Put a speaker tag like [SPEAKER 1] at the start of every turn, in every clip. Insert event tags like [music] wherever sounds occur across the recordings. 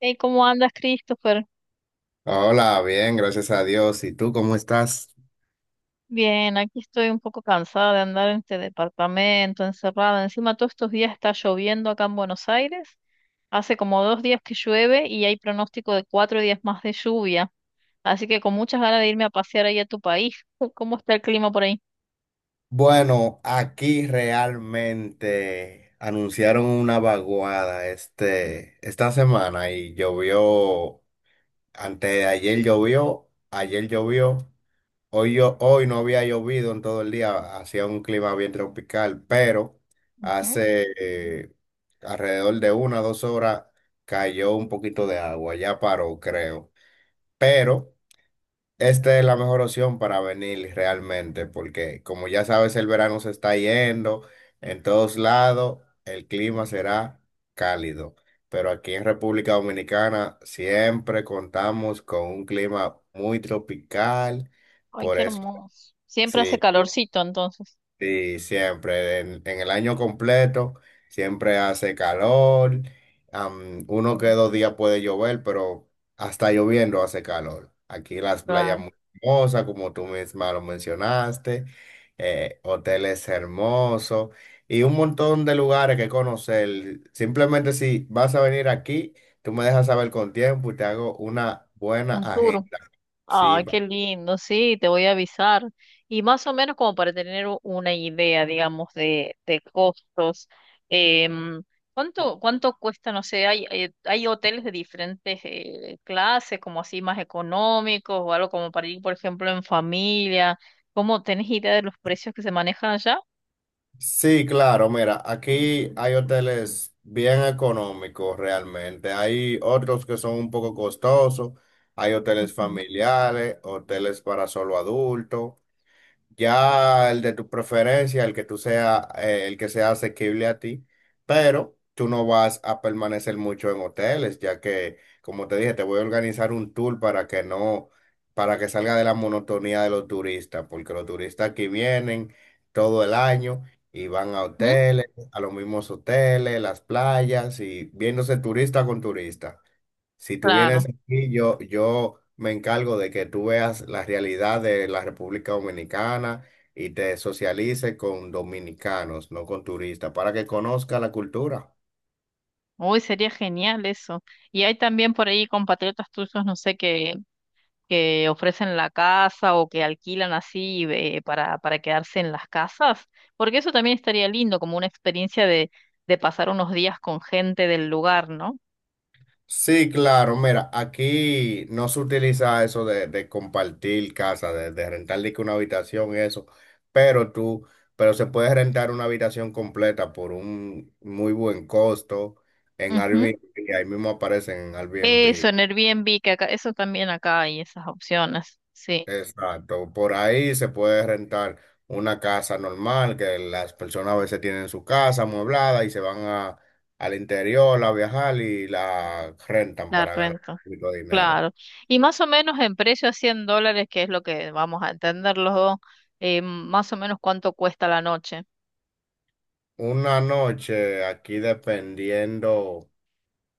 [SPEAKER 1] Hey, ¿cómo andas, Christopher?
[SPEAKER 2] Hola, bien, gracias a Dios. ¿Y tú cómo estás?
[SPEAKER 1] Bien, aquí estoy un poco cansada de andar en este departamento, encerrada. Encima, todos estos días está lloviendo acá en Buenos Aires. Hace como 2 días que llueve y hay pronóstico de 4 días más de lluvia. Así que con muchas ganas de irme a pasear ahí a tu país. [laughs] ¿Cómo está el clima por ahí?
[SPEAKER 2] Bueno, aquí realmente anunciaron una vaguada esta semana y llovió, antes de ayer llovió, hoy, hoy no había llovido en todo el día, hacía un clima bien tropical, pero
[SPEAKER 1] Ujú.
[SPEAKER 2] hace alrededor de 1 o 2 horas cayó un poquito de agua, ya paró, creo. Pero... Esta es la mejor opción para venir realmente, porque como ya sabes, el verano se está yendo, en todos lados el clima será cálido, pero aquí en República Dominicana siempre contamos con un clima muy tropical,
[SPEAKER 1] Ay,
[SPEAKER 2] por
[SPEAKER 1] qué
[SPEAKER 2] eso,
[SPEAKER 1] hermoso. Siempre hace
[SPEAKER 2] sí.
[SPEAKER 1] calorcito, entonces.
[SPEAKER 2] Sí, siempre, en el año completo, siempre hace calor. Uno que
[SPEAKER 1] Mm.
[SPEAKER 2] 2 días puede llover, pero hasta lloviendo hace calor. Aquí las playas
[SPEAKER 1] Claro.
[SPEAKER 2] muy hermosas, como tú misma lo mencionaste. Hoteles hermosos y un montón de lugares que conocer. Simplemente si vas a venir aquí, tú me dejas saber con tiempo y te hago una buena
[SPEAKER 1] Un
[SPEAKER 2] agenda.
[SPEAKER 1] tour.
[SPEAKER 2] Sí.
[SPEAKER 1] Ay, qué lindo, sí, te voy a avisar. Y más o menos como para tener una idea, digamos, de costos. em, ¿Cuánto cuesta? No sé, hay hoteles de diferentes clases, como así más económicos o algo como para ir, por ejemplo, en familia. ¿Cómo tenés idea de los precios que se manejan allá?
[SPEAKER 2] Sí, claro, mira, aquí hay hoteles bien económicos realmente. Hay otros que son un poco costosos. Hay hoteles
[SPEAKER 1] Ujú.
[SPEAKER 2] familiares, hoteles para solo adultos. Ya el de tu preferencia, el que tú sea, el que sea asequible a ti, pero tú no vas a permanecer mucho en hoteles, ya que, como te dije, te voy a organizar un tour para que no, para que salga de la monotonía de los turistas, porque los turistas aquí vienen todo el año y van a
[SPEAKER 1] ¿Mm?
[SPEAKER 2] hoteles, a los mismos hoteles, las playas y viéndose turista con turista. Si tú vienes
[SPEAKER 1] Claro.
[SPEAKER 2] aquí, yo me encargo de que tú veas la realidad de la República Dominicana y te socialices con dominicanos, no con turistas, para que conozca la cultura.
[SPEAKER 1] Uy, sería genial eso. Y hay también por ahí compatriotas tuyos, no sé, que ofrecen la casa o que alquilan así para quedarse en las casas, porque eso también estaría lindo, como una experiencia de pasar unos días con gente del lugar, ¿no?
[SPEAKER 2] Sí, claro, mira, aquí no se utiliza eso de compartir casa, de rentar de que una habitación eso, pero pero se puede rentar una habitación completa por un muy buen costo en
[SPEAKER 1] Ujú.
[SPEAKER 2] Airbnb, ahí mismo aparecen en
[SPEAKER 1] Eso,
[SPEAKER 2] Airbnb.
[SPEAKER 1] en Airbnb, que acá, eso también acá hay esas opciones, sí,
[SPEAKER 2] Exacto, por ahí se puede rentar una casa normal que las personas a veces tienen su casa amueblada y se van al interior a viajar y la rentan
[SPEAKER 1] la
[SPEAKER 2] para ganar
[SPEAKER 1] renta,
[SPEAKER 2] un poquito de dinero.
[SPEAKER 1] claro. Y más o menos en precio a $100, que es lo que vamos a entender los dos, más o menos cuánto cuesta la noche.
[SPEAKER 2] Una noche aquí dependiendo.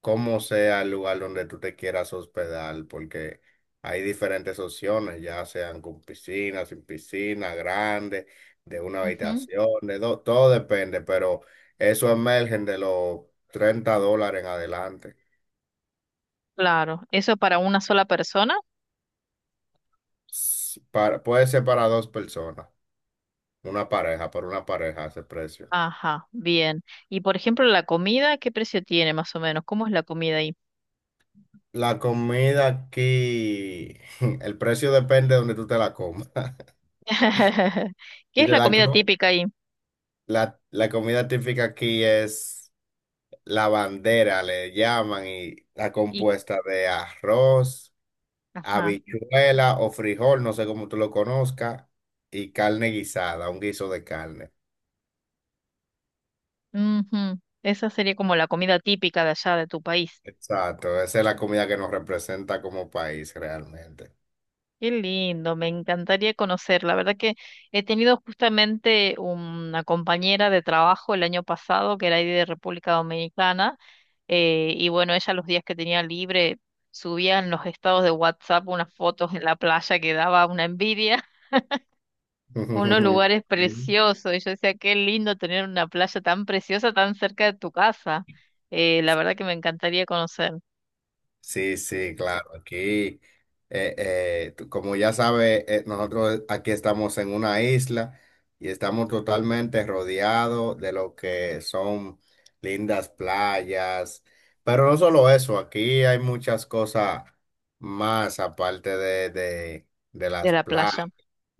[SPEAKER 2] Como sea el lugar donde tú te quieras hospedar, porque hay diferentes opciones, ya sean con piscina, sin piscina, grande, de una
[SPEAKER 1] Ujú.
[SPEAKER 2] habitación, de dos, todo depende, pero eso emergen de los 30 dólares en adelante.
[SPEAKER 1] Claro, ¿eso para una sola persona?
[SPEAKER 2] Puede ser para dos personas, una pareja, por una pareja ese precio.
[SPEAKER 1] Ajá, bien. Y por ejemplo, la comida, ¿qué precio tiene más o menos? ¿Cómo es la comida ahí?
[SPEAKER 2] La comida aquí, [laughs] el precio depende de donde tú te la comas. [laughs]
[SPEAKER 1] [laughs] ¿Qué
[SPEAKER 2] Si
[SPEAKER 1] es
[SPEAKER 2] te
[SPEAKER 1] la
[SPEAKER 2] la,
[SPEAKER 1] comida
[SPEAKER 2] co-
[SPEAKER 1] típica ahí?
[SPEAKER 2] La comida típica aquí es la bandera le llaman y está
[SPEAKER 1] Y,
[SPEAKER 2] compuesta de arroz,
[SPEAKER 1] ajá,
[SPEAKER 2] habichuela o frijol, no sé cómo tú lo conozcas, y carne guisada, un guiso de carne.
[SPEAKER 1] ujú. Esa sería como la comida típica de allá de tu país.
[SPEAKER 2] Exacto, esa es la comida que nos representa como país realmente.
[SPEAKER 1] Qué lindo, me encantaría conocer. La verdad que he tenido justamente una compañera de trabajo el año pasado que era ahí de República Dominicana. Y bueno, ella los días que tenía libre subía en los estados de WhatsApp unas fotos en la playa que daba una envidia. Unos
[SPEAKER 2] [laughs]
[SPEAKER 1] lugares
[SPEAKER 2] Sí.
[SPEAKER 1] preciosos. Y yo decía, qué lindo tener una playa tan preciosa tan cerca de tu casa. La verdad que me encantaría conocer
[SPEAKER 2] Sí, sí, claro. Aquí, como ya sabes, nosotros aquí estamos en una isla y estamos totalmente rodeados de lo que son lindas playas. Pero no solo eso, aquí hay muchas cosas más aparte de
[SPEAKER 1] de
[SPEAKER 2] las
[SPEAKER 1] la
[SPEAKER 2] playas.
[SPEAKER 1] playa.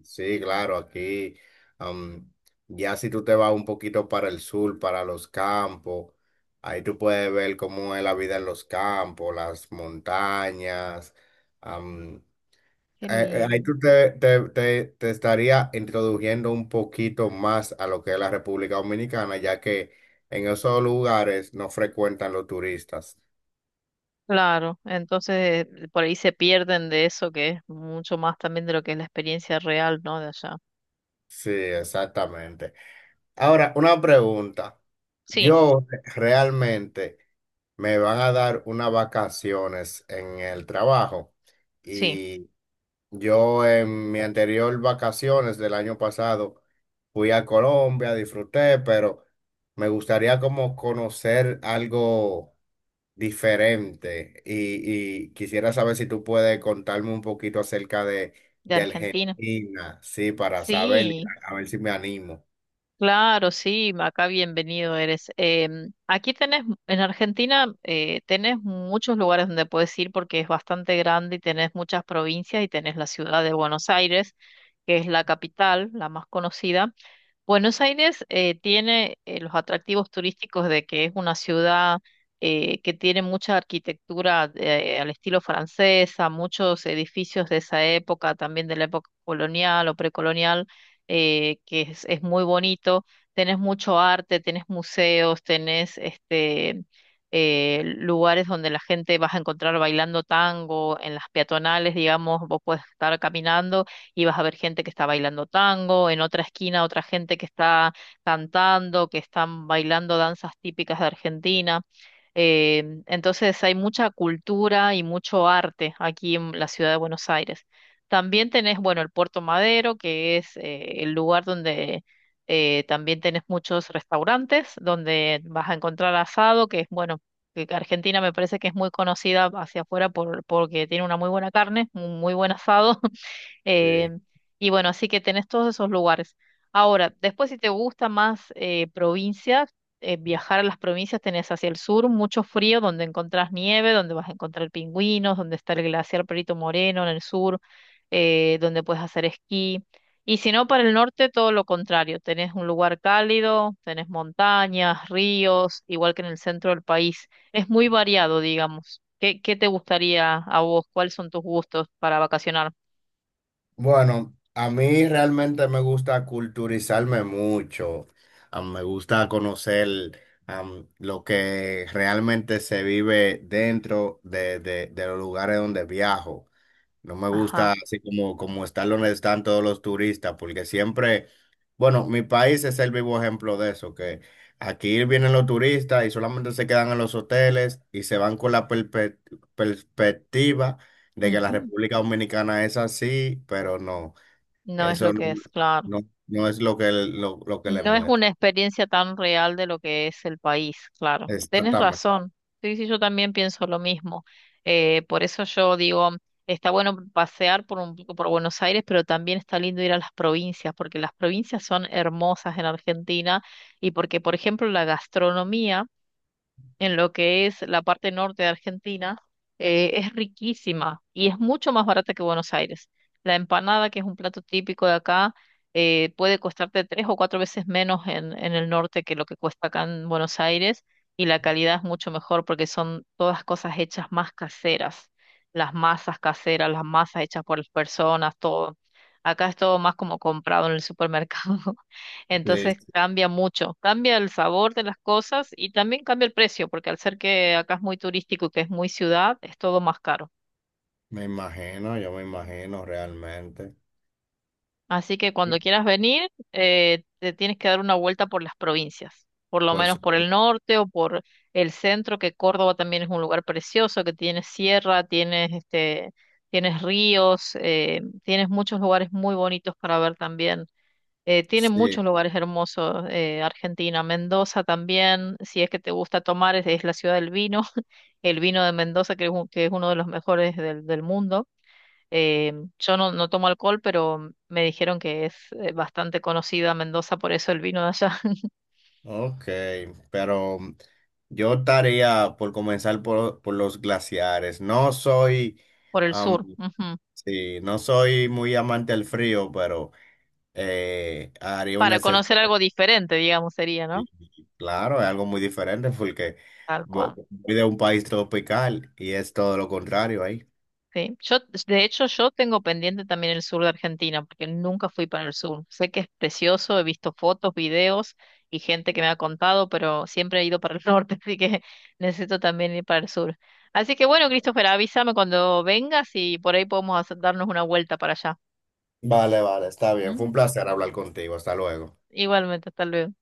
[SPEAKER 2] Sí, claro, aquí am, ya si tú te vas un poquito para el sur, para los campos, ahí tú puedes ver cómo es la vida en los campos, las montañas. am,
[SPEAKER 1] Qué
[SPEAKER 2] ahí
[SPEAKER 1] lindo.
[SPEAKER 2] tú te estaría introduciendo un poquito más a lo que es la República Dominicana, ya que en esos lugares no frecuentan los turistas.
[SPEAKER 1] Claro, entonces por ahí se pierden de eso que es mucho más también de lo que es la experiencia real, ¿no? De allá.
[SPEAKER 2] Sí, exactamente. Ahora, una pregunta.
[SPEAKER 1] Sí,
[SPEAKER 2] Yo realmente me van a dar unas vacaciones en el trabajo
[SPEAKER 1] sí,
[SPEAKER 2] y yo en mi anterior vacaciones del año pasado fui a Colombia, disfruté, pero me gustaría como conocer algo diferente y quisiera saber si tú puedes contarme un poquito acerca
[SPEAKER 1] de
[SPEAKER 2] de
[SPEAKER 1] Argentina.
[SPEAKER 2] Argentina, sí, para saber,
[SPEAKER 1] Sí.
[SPEAKER 2] a ver si me animo.
[SPEAKER 1] Claro, sí, acá bienvenido eres. Aquí tenés, en Argentina, tenés muchos lugares donde puedes ir porque es bastante grande y tenés muchas provincias y tenés la ciudad de Buenos Aires, que es la capital, la más conocida. Buenos Aires tiene los atractivos turísticos de que es una ciudad que tiene mucha arquitectura al estilo francesa, muchos edificios de esa época, también de la época colonial o precolonial, que es muy bonito. Tenés mucho arte, tenés museos, tenés lugares donde la gente vas a encontrar bailando tango, en las peatonales, digamos, vos puedes estar caminando y vas a ver gente que está bailando tango, en otra esquina otra gente que está cantando, que están bailando danzas típicas de Argentina. Entonces hay mucha cultura y mucho arte aquí en la ciudad de Buenos Aires. También tenés, bueno, el Puerto Madero, que es el lugar donde también tenés muchos restaurantes, donde vas a encontrar asado, que es, bueno, que Argentina me parece que es muy conocida hacia afuera porque tiene una muy buena carne, un muy buen asado. Eh,
[SPEAKER 2] Sí.
[SPEAKER 1] y bueno, así que tenés todos esos lugares. Ahora, después si te gusta más provincias, viajar a las provincias, tenés hacia el sur mucho frío, donde encontrás nieve, donde vas a encontrar pingüinos, donde está el glaciar Perito Moreno en el sur, donde puedes hacer esquí. Y si no, para el norte, todo lo contrario. Tenés un lugar cálido, tenés montañas, ríos, igual que en el centro del país. Es muy variado, digamos. ¿Qué te gustaría a vos? ¿Cuáles son tus gustos para vacacionar?
[SPEAKER 2] Bueno, a mí realmente me gusta culturizarme mucho. Ah, me gusta conocer lo que realmente se vive dentro de los lugares donde viajo. No me
[SPEAKER 1] Ajá.
[SPEAKER 2] gusta así como están donde están todos los turistas, porque siempre, bueno, mi país es el vivo ejemplo de eso, que aquí vienen los turistas y solamente se quedan en los hoteles y se van con la perspectiva de que la
[SPEAKER 1] Ujú.
[SPEAKER 2] República Dominicana es así, pero no,
[SPEAKER 1] No es
[SPEAKER 2] eso
[SPEAKER 1] lo
[SPEAKER 2] no,
[SPEAKER 1] que es, claro.
[SPEAKER 2] no no es lo que, lo que le
[SPEAKER 1] No es
[SPEAKER 2] muestra.
[SPEAKER 1] una experiencia tan real de lo que es el país, claro. Tienes
[SPEAKER 2] Exactamente.
[SPEAKER 1] razón. Sí, sí, yo también pienso lo mismo. Por eso yo digo, está bueno pasear por un poco por Buenos Aires, pero también está lindo ir a las provincias, porque las provincias son hermosas en Argentina y porque, por ejemplo, la gastronomía en lo que es la parte norte de Argentina, es riquísima y es mucho más barata que Buenos Aires. La empanada, que es un plato típico de acá, puede costarte 3 o 4 veces menos en el norte que lo que cuesta acá en Buenos Aires y la calidad es mucho mejor porque son todas cosas hechas más caseras, las masas hechas por las personas, todo. Acá es todo más como comprado en el supermercado. [laughs]
[SPEAKER 2] Sí,
[SPEAKER 1] Entonces
[SPEAKER 2] sí.
[SPEAKER 1] cambia mucho, cambia el sabor de las cosas y también cambia el precio, porque al ser que acá es muy turístico y que es muy ciudad, es todo más caro.
[SPEAKER 2] Me imagino, yo me imagino realmente.
[SPEAKER 1] Así que
[SPEAKER 2] Sí.
[SPEAKER 1] cuando quieras venir, te tienes que dar una vuelta por las provincias, por lo
[SPEAKER 2] Por
[SPEAKER 1] menos por
[SPEAKER 2] supuesto.
[SPEAKER 1] el norte o por el centro, que Córdoba también es un lugar precioso, que tienes sierra, tienes tienes ríos, tienes muchos lugares muy bonitos para ver también. Tiene
[SPEAKER 2] Sí.
[SPEAKER 1] muchos lugares hermosos, Argentina, Mendoza también, si es que te gusta tomar, es la ciudad del vino, [laughs] el vino de Mendoza, que es uno de los mejores del mundo. Eh, yo no tomo alcohol, pero me dijeron que es bastante conocida Mendoza, por eso el vino de allá, [laughs]
[SPEAKER 2] Ok, pero yo estaría por comenzar por los glaciares. No soy,
[SPEAKER 1] por el
[SPEAKER 2] am,
[SPEAKER 1] sur. Ujú.
[SPEAKER 2] sí, no soy muy amante del frío, pero haría un
[SPEAKER 1] Para
[SPEAKER 2] excepción.
[SPEAKER 1] conocer algo diferente, digamos, sería, ¿no?
[SPEAKER 2] Claro, es algo muy diferente porque
[SPEAKER 1] Tal cual.
[SPEAKER 2] voy de un país tropical y es todo lo contrario ahí.
[SPEAKER 1] Sí, yo, de hecho, yo tengo pendiente también el sur de Argentina, porque nunca fui para el sur. Sé que es precioso, he visto fotos, videos y gente que me ha contado, pero siempre he ido para el [laughs] norte, así que necesito también ir para el sur. Así que bueno, Christopher, avísame cuando vengas y por ahí podemos darnos una vuelta para allá.
[SPEAKER 2] Vale, vale, está bien. Fue
[SPEAKER 1] ¿Mm?
[SPEAKER 2] un placer hablar contigo. Hasta luego.
[SPEAKER 1] Igualmente, hasta luego.